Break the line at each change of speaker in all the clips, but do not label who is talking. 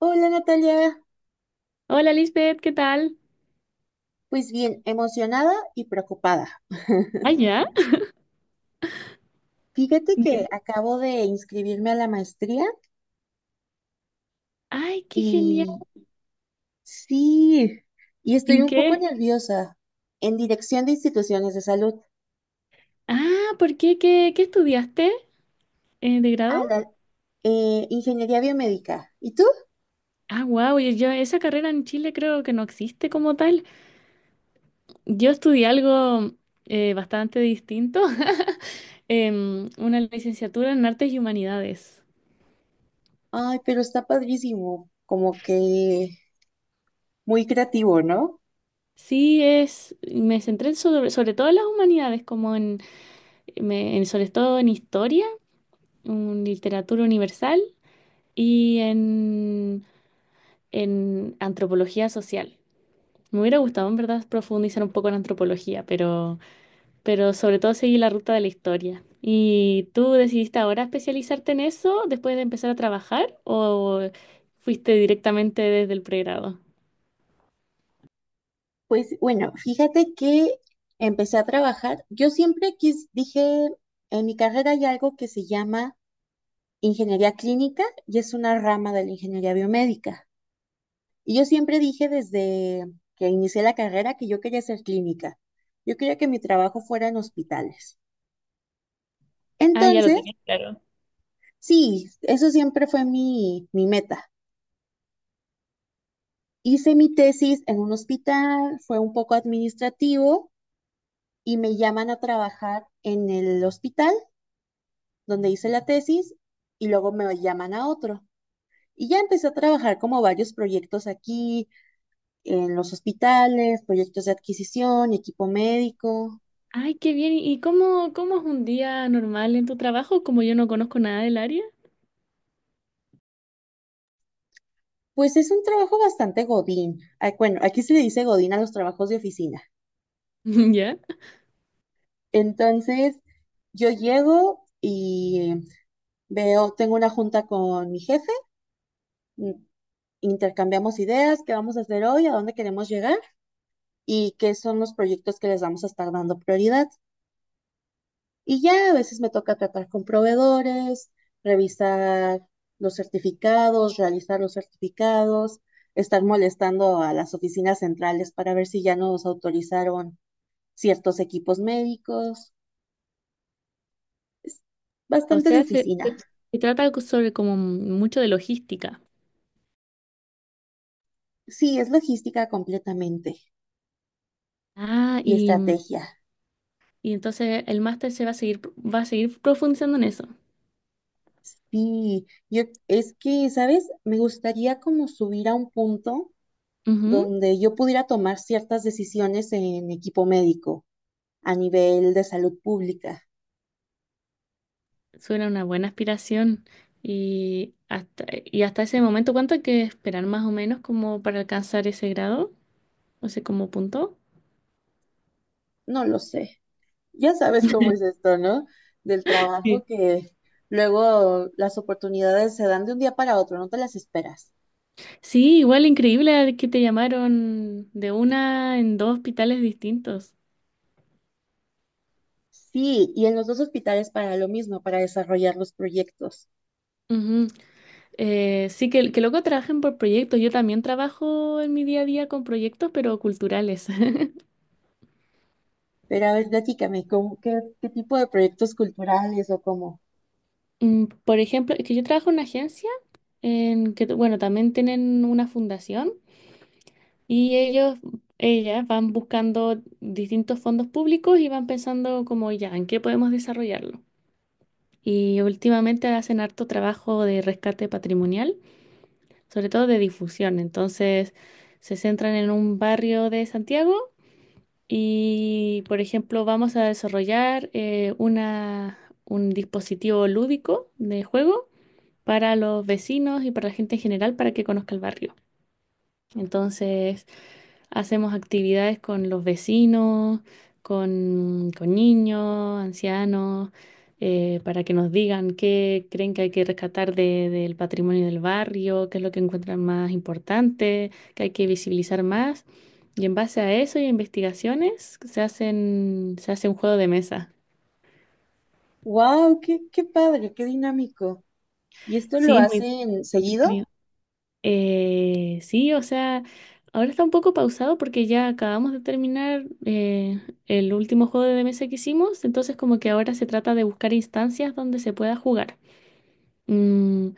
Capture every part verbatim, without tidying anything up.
Hola Natalia,
Hola Lisbeth, ¿qué tal?
pues bien, emocionada y preocupada.
¿Ah, ya?
Fíjate que
Dime.
acabo de inscribirme a la maestría
Ay, qué genial.
y sí, y estoy
¿En
un poco
qué?
nerviosa en dirección de instituciones de salud
Ah, ¿por qué? ¿Qué, qué estudiaste eh, de grado?
a la eh, ingeniería biomédica. ¿Y tú?
Ah, wow, yo, esa carrera en Chile creo que no existe como tal. Yo estudié algo eh, bastante distinto. Em, una licenciatura en Artes y Humanidades.
Ay, pero está padrísimo, como que muy creativo, ¿no?
Sí, es, me centré en sobre, sobre todo en las humanidades, como en, me- en sobre todo en historia, en literatura universal y en en antropología social. Me hubiera gustado, en verdad, profundizar un poco en antropología, pero, pero sobre todo seguí la ruta de la historia. ¿Y tú decidiste ahora especializarte en eso después de empezar a trabajar o fuiste directamente desde el pregrado?
Pues bueno, fíjate que empecé a trabajar. Yo siempre quis, dije, en mi carrera hay algo que se llama ingeniería clínica y es una rama de la ingeniería biomédica. Y yo siempre dije desde que inicié la carrera que yo quería ser clínica. Yo quería que mi trabajo fuera en hospitales.
Ah, ya lo
Entonces,
tenías claro.
sí, eso siempre fue mi, mi meta. Hice mi tesis en un hospital, fue un poco administrativo y me llaman a trabajar en el hospital donde hice la tesis y luego me llaman a otro. Y ya empecé a trabajar como varios proyectos aquí, en los hospitales, proyectos de adquisición, y equipo médico.
Ay, qué bien. ¿Y cómo, cómo es un día normal en tu trabajo? Como yo no conozco nada del área.
Pues es un trabajo bastante godín. Ah, bueno, aquí se le dice godín a los trabajos de oficina.
¿Ya?
Entonces, yo llego y veo, tengo una junta con mi jefe, mm, intercambiamos ideas, qué vamos a hacer hoy, a dónde queremos llegar y qué son los proyectos que les vamos a estar dando prioridad. Y ya a veces me toca tratar con proveedores, revisar los certificados, realizar los certificados, estar molestando a las oficinas centrales para ver si ya nos autorizaron ciertos equipos médicos. Es
O
bastante de
sea, se,
oficina.
se- se trata co- sobre como mucho de logística.
Sí, es logística completamente
Ah,
y
y
estrategia.
Y entonces el máster se va a seguir, va a seguir profundizando en eso.
Sí, yo es que, ¿sabes? Me gustaría como subir a un punto
Ujú.
donde yo pudiera tomar ciertas decisiones en equipo médico a nivel de salud pública.
Suena una buena aspiración. Y hasta, y hasta ese momento, ¿cuánto hay que esperar más o menos como para alcanzar ese grado? O sea, como punto.
No lo sé. Ya sabes cómo es esto, ¿no? Del
Sí.
trabajo que luego las oportunidades se dan de un día para otro, no te las esperas.
Sí, igual increíble que te llamaron de una en dos hospitales distintos.
Sí, y en los dos hospitales para lo mismo, para desarrollar los proyectos.
Ujú. Eh, sí, que, que luego trabajen por proyectos. Yo también trabajo en mi día a día con proyectos, pero culturales.
Pero a ver, platícame, ¿cómo- qué, qué tipo de proyectos culturales o cómo?
Mm, por ejemplo, es que yo trabajo en una agencia en que, bueno, también tienen una fundación y ellos, ellas van buscando distintos fondos públicos y van pensando como ya, ¿en qué podemos desarrollarlo? Y últimamente hacen harto trabajo de rescate patrimonial, sobre todo de difusión. Entonces, se centran en un barrio de Santiago y, por ejemplo, vamos a desarrollar eh, una, un dispositivo lúdico de juego para los vecinos y para la gente en general para que conozca el barrio. Entonces hacemos actividades con los vecinos, con, con niños, ancianos, eh, para que nos digan qué creen que hay que rescatar de- del patrimonio del barrio, qué es lo que encuentran más importante, qué hay que visibilizar más. Y en base a eso y a investigaciones se hacen, se hace un juego de mesa.
¡Wow! ¡Qué, qué padre! ¡Qué dinámico! ¿Y esto lo
Sí, es muy
hacen seguido?
entretenido. Eh, sí, o sea, ahora está un poco pausado porque ya acabamos de terminar eh, el último juego de mesa que hicimos, entonces como que ahora se trata de buscar instancias donde se pueda jugar. Mm,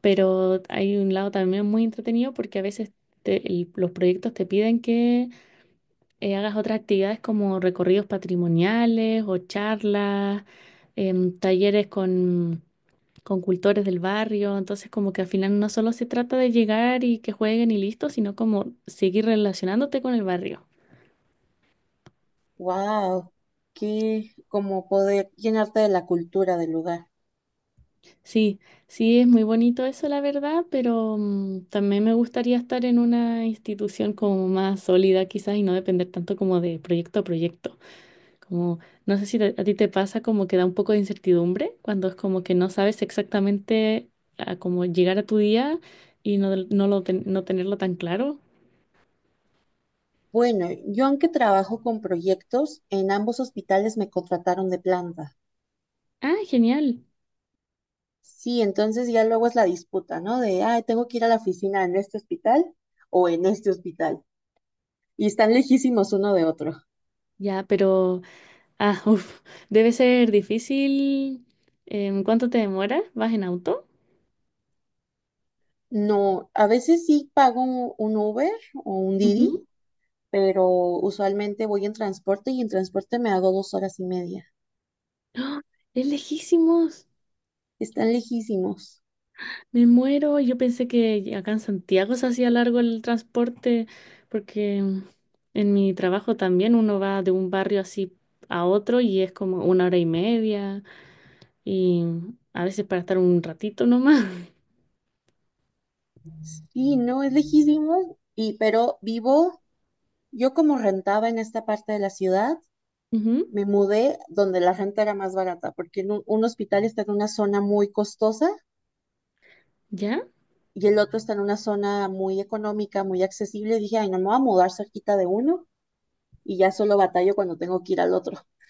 pero hay un lado también muy entretenido porque a veces te- el- los proyectos te piden que eh, hagas otras actividades como recorridos patrimoniales o charlas, em, talleres con, con cultores del barrio. Entonces, como que al final no solo se trata de llegar y que jueguen y listo, sino como seguir relacionándote con el barrio.
¡Wow! ¡Qué como poder llenarte de la cultura del lugar!
Sí, sí, es muy bonito eso, la verdad, pero mm, también me gustaría estar en una institución como más sólida quizás y no depender tanto como de proyecto a proyecto. Como, no sé si te- a ti te pasa como que da un poco de incertidumbre cuando es como que no sabes exactamente a cómo llegar a tu día y no, del- no, lo ten- no tenerlo tan claro.
Bueno, yo aunque trabajo con proyectos, en ambos hospitales me contrataron de planta.
Ah, genial.
Sí, entonces ya luego es la disputa, ¿no? De, ay, tengo que ir a la oficina en este hospital o en este hospital. Y están lejísimos uno de otro.
Ya, pero, ah, uf, debe ser difícil. Em, ¿cuánto te demora? ¿Vas en auto?
No, a veces sí pago un, un Uber o un Didi,
Ujú.
pero usualmente voy en transporte y en transporte me hago dos horas y media.
¡Ah! Es lejísimos.
Están lejísimos.
Me muero, yo pensé que acá en Santiago se hacía largo el transporte, porque en mi trabajo también uno va de un barrio así a otro y es como una hora y media, y a veces para estar un ratito nomás.
Sí, no, es lejísimo. Y pero vivo, yo como rentaba en esta parte de la ciudad,
Ujú.
me mudé donde la renta era más barata, porque en un, un hospital está en una zona muy costosa
¿Ya?
y el otro está en una zona muy económica, muy accesible. Dije, ay, no me voy a mudar cerquita de uno y ya solo batallo cuando tengo que ir al otro.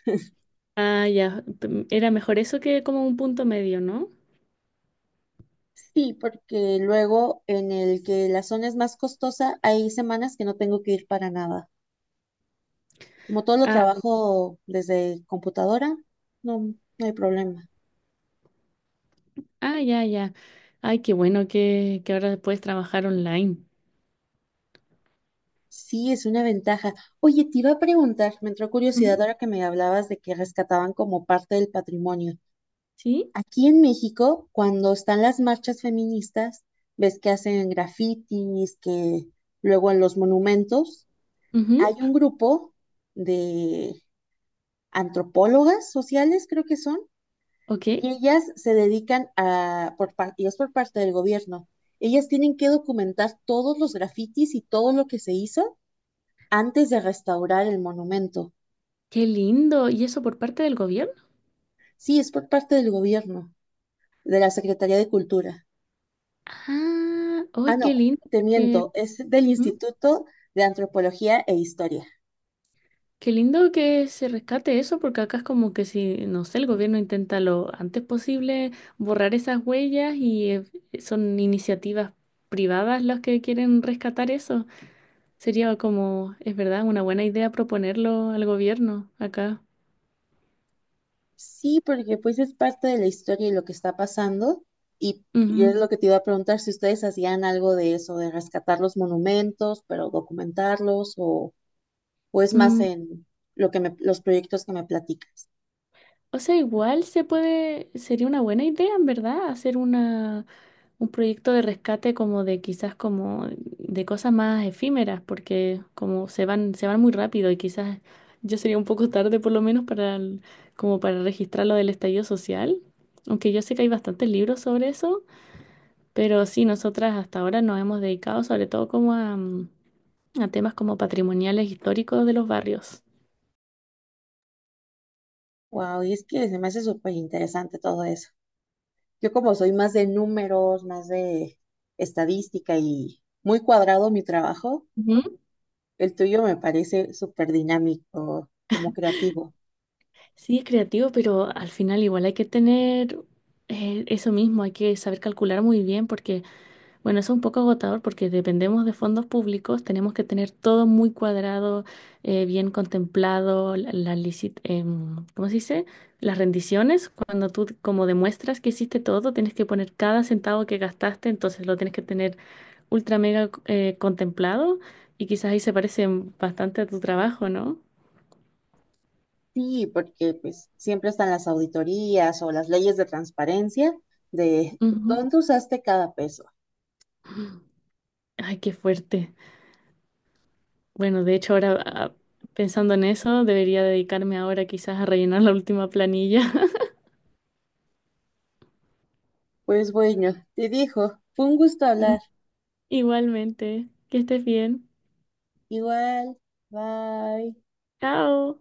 Ah, ya. P- Era mejor eso que como un punto medio, ¿no?
Sí, porque luego en el que la zona es más costosa, hay semanas que no tengo que ir para nada. Como todo lo
Ah,
trabajo desde computadora, no, no hay problema.
ah, ya, ya. Ay, qué bueno que, que ahora puedes trabajar online.
Sí, es una ventaja. Oye, te iba a preguntar, me entró curiosidad
Ujú.
ahora que me hablabas de que rescataban como parte del patrimonio.
¿Sí?
Aquí en México, cuando están las marchas feministas, ves que hacen grafitis, que luego en los monumentos, hay
Ujú.
un grupo de antropólogas sociales, creo que son,
Ok.
y ellas se dedican a, por, par- y es por parte del gobierno, ellas tienen que documentar todos los grafitis y todo lo que se hizo antes de restaurar el monumento.
Qué lindo. ¿Y eso por parte del gobierno?
Sí, es por parte del gobierno, de la Secretaría de Cultura.
Ah, ¡ay,
Ah,
qué
no,
lindo!
te
Porque,
miento, es del
¿mm?
Instituto de Antropología e Historia.
Qué lindo que se rescate eso, porque acá es como que si, no sé, el gobierno intenta lo antes posible borrar esas huellas y eh, son iniciativas privadas las que quieren rescatar eso. Sería como, es verdad, una buena idea proponerlo al gobierno acá.
Sí, porque pues es parte de la historia y lo que está pasando. Y yo es
Ujú.
lo que te iba a preguntar si ustedes hacían algo de eso, de rescatar los monumentos, pero documentarlos, o, o es más
Mm,
en lo que me- los proyectos que me platicas.
O sea, igual se puede, sería una buena idea, en verdad, hacer una, un proyecto de rescate como de quizás como de cosas más efímeras, porque como se van, se van muy rápido y quizás yo sería un poco tarde por lo menos para el- como para registrar lo del estallido social, aunque yo sé que hay bastantes libros sobre eso, pero sí, nosotras hasta ahora nos hemos dedicado sobre todo como a, mm, a temas como patrimoniales históricos de los barrios.
Wow, y es que se me hace súper interesante todo eso. Yo como soy más de números, más de estadística y muy cuadrado mi trabajo, el tuyo me parece súper dinámico, como creativo.
Sí, es creativo, pero al final igual hay que tener eh, eso mismo, hay que saber calcular muy bien porque, bueno, eso es un poco agotador porque dependemos de fondos públicos, tenemos que tener todo muy cuadrado, eh, bien contemplado, la, la licit- em, ¿cómo se dice? Las rendiciones, cuando tú como demuestras que hiciste todo, tienes que poner cada centavo que gastaste, entonces lo tienes que tener ultra mega eh, contemplado y quizás ahí se parece bastante a tu trabajo, ¿no?
Sí, porque pues siempre están las auditorías o las leyes de transparencia de
Ujú.
dónde usaste cada peso.
Ay, qué fuerte. Bueno, de hecho ahora
Ujú.
ah, pensando en eso, debería dedicarme ahora quizás a rellenar la última planilla.
Pues bueno, te dijo, fue un gusto hablar.
Ujú. Igualmente, que estés bien.
Igual, bye.
Chao.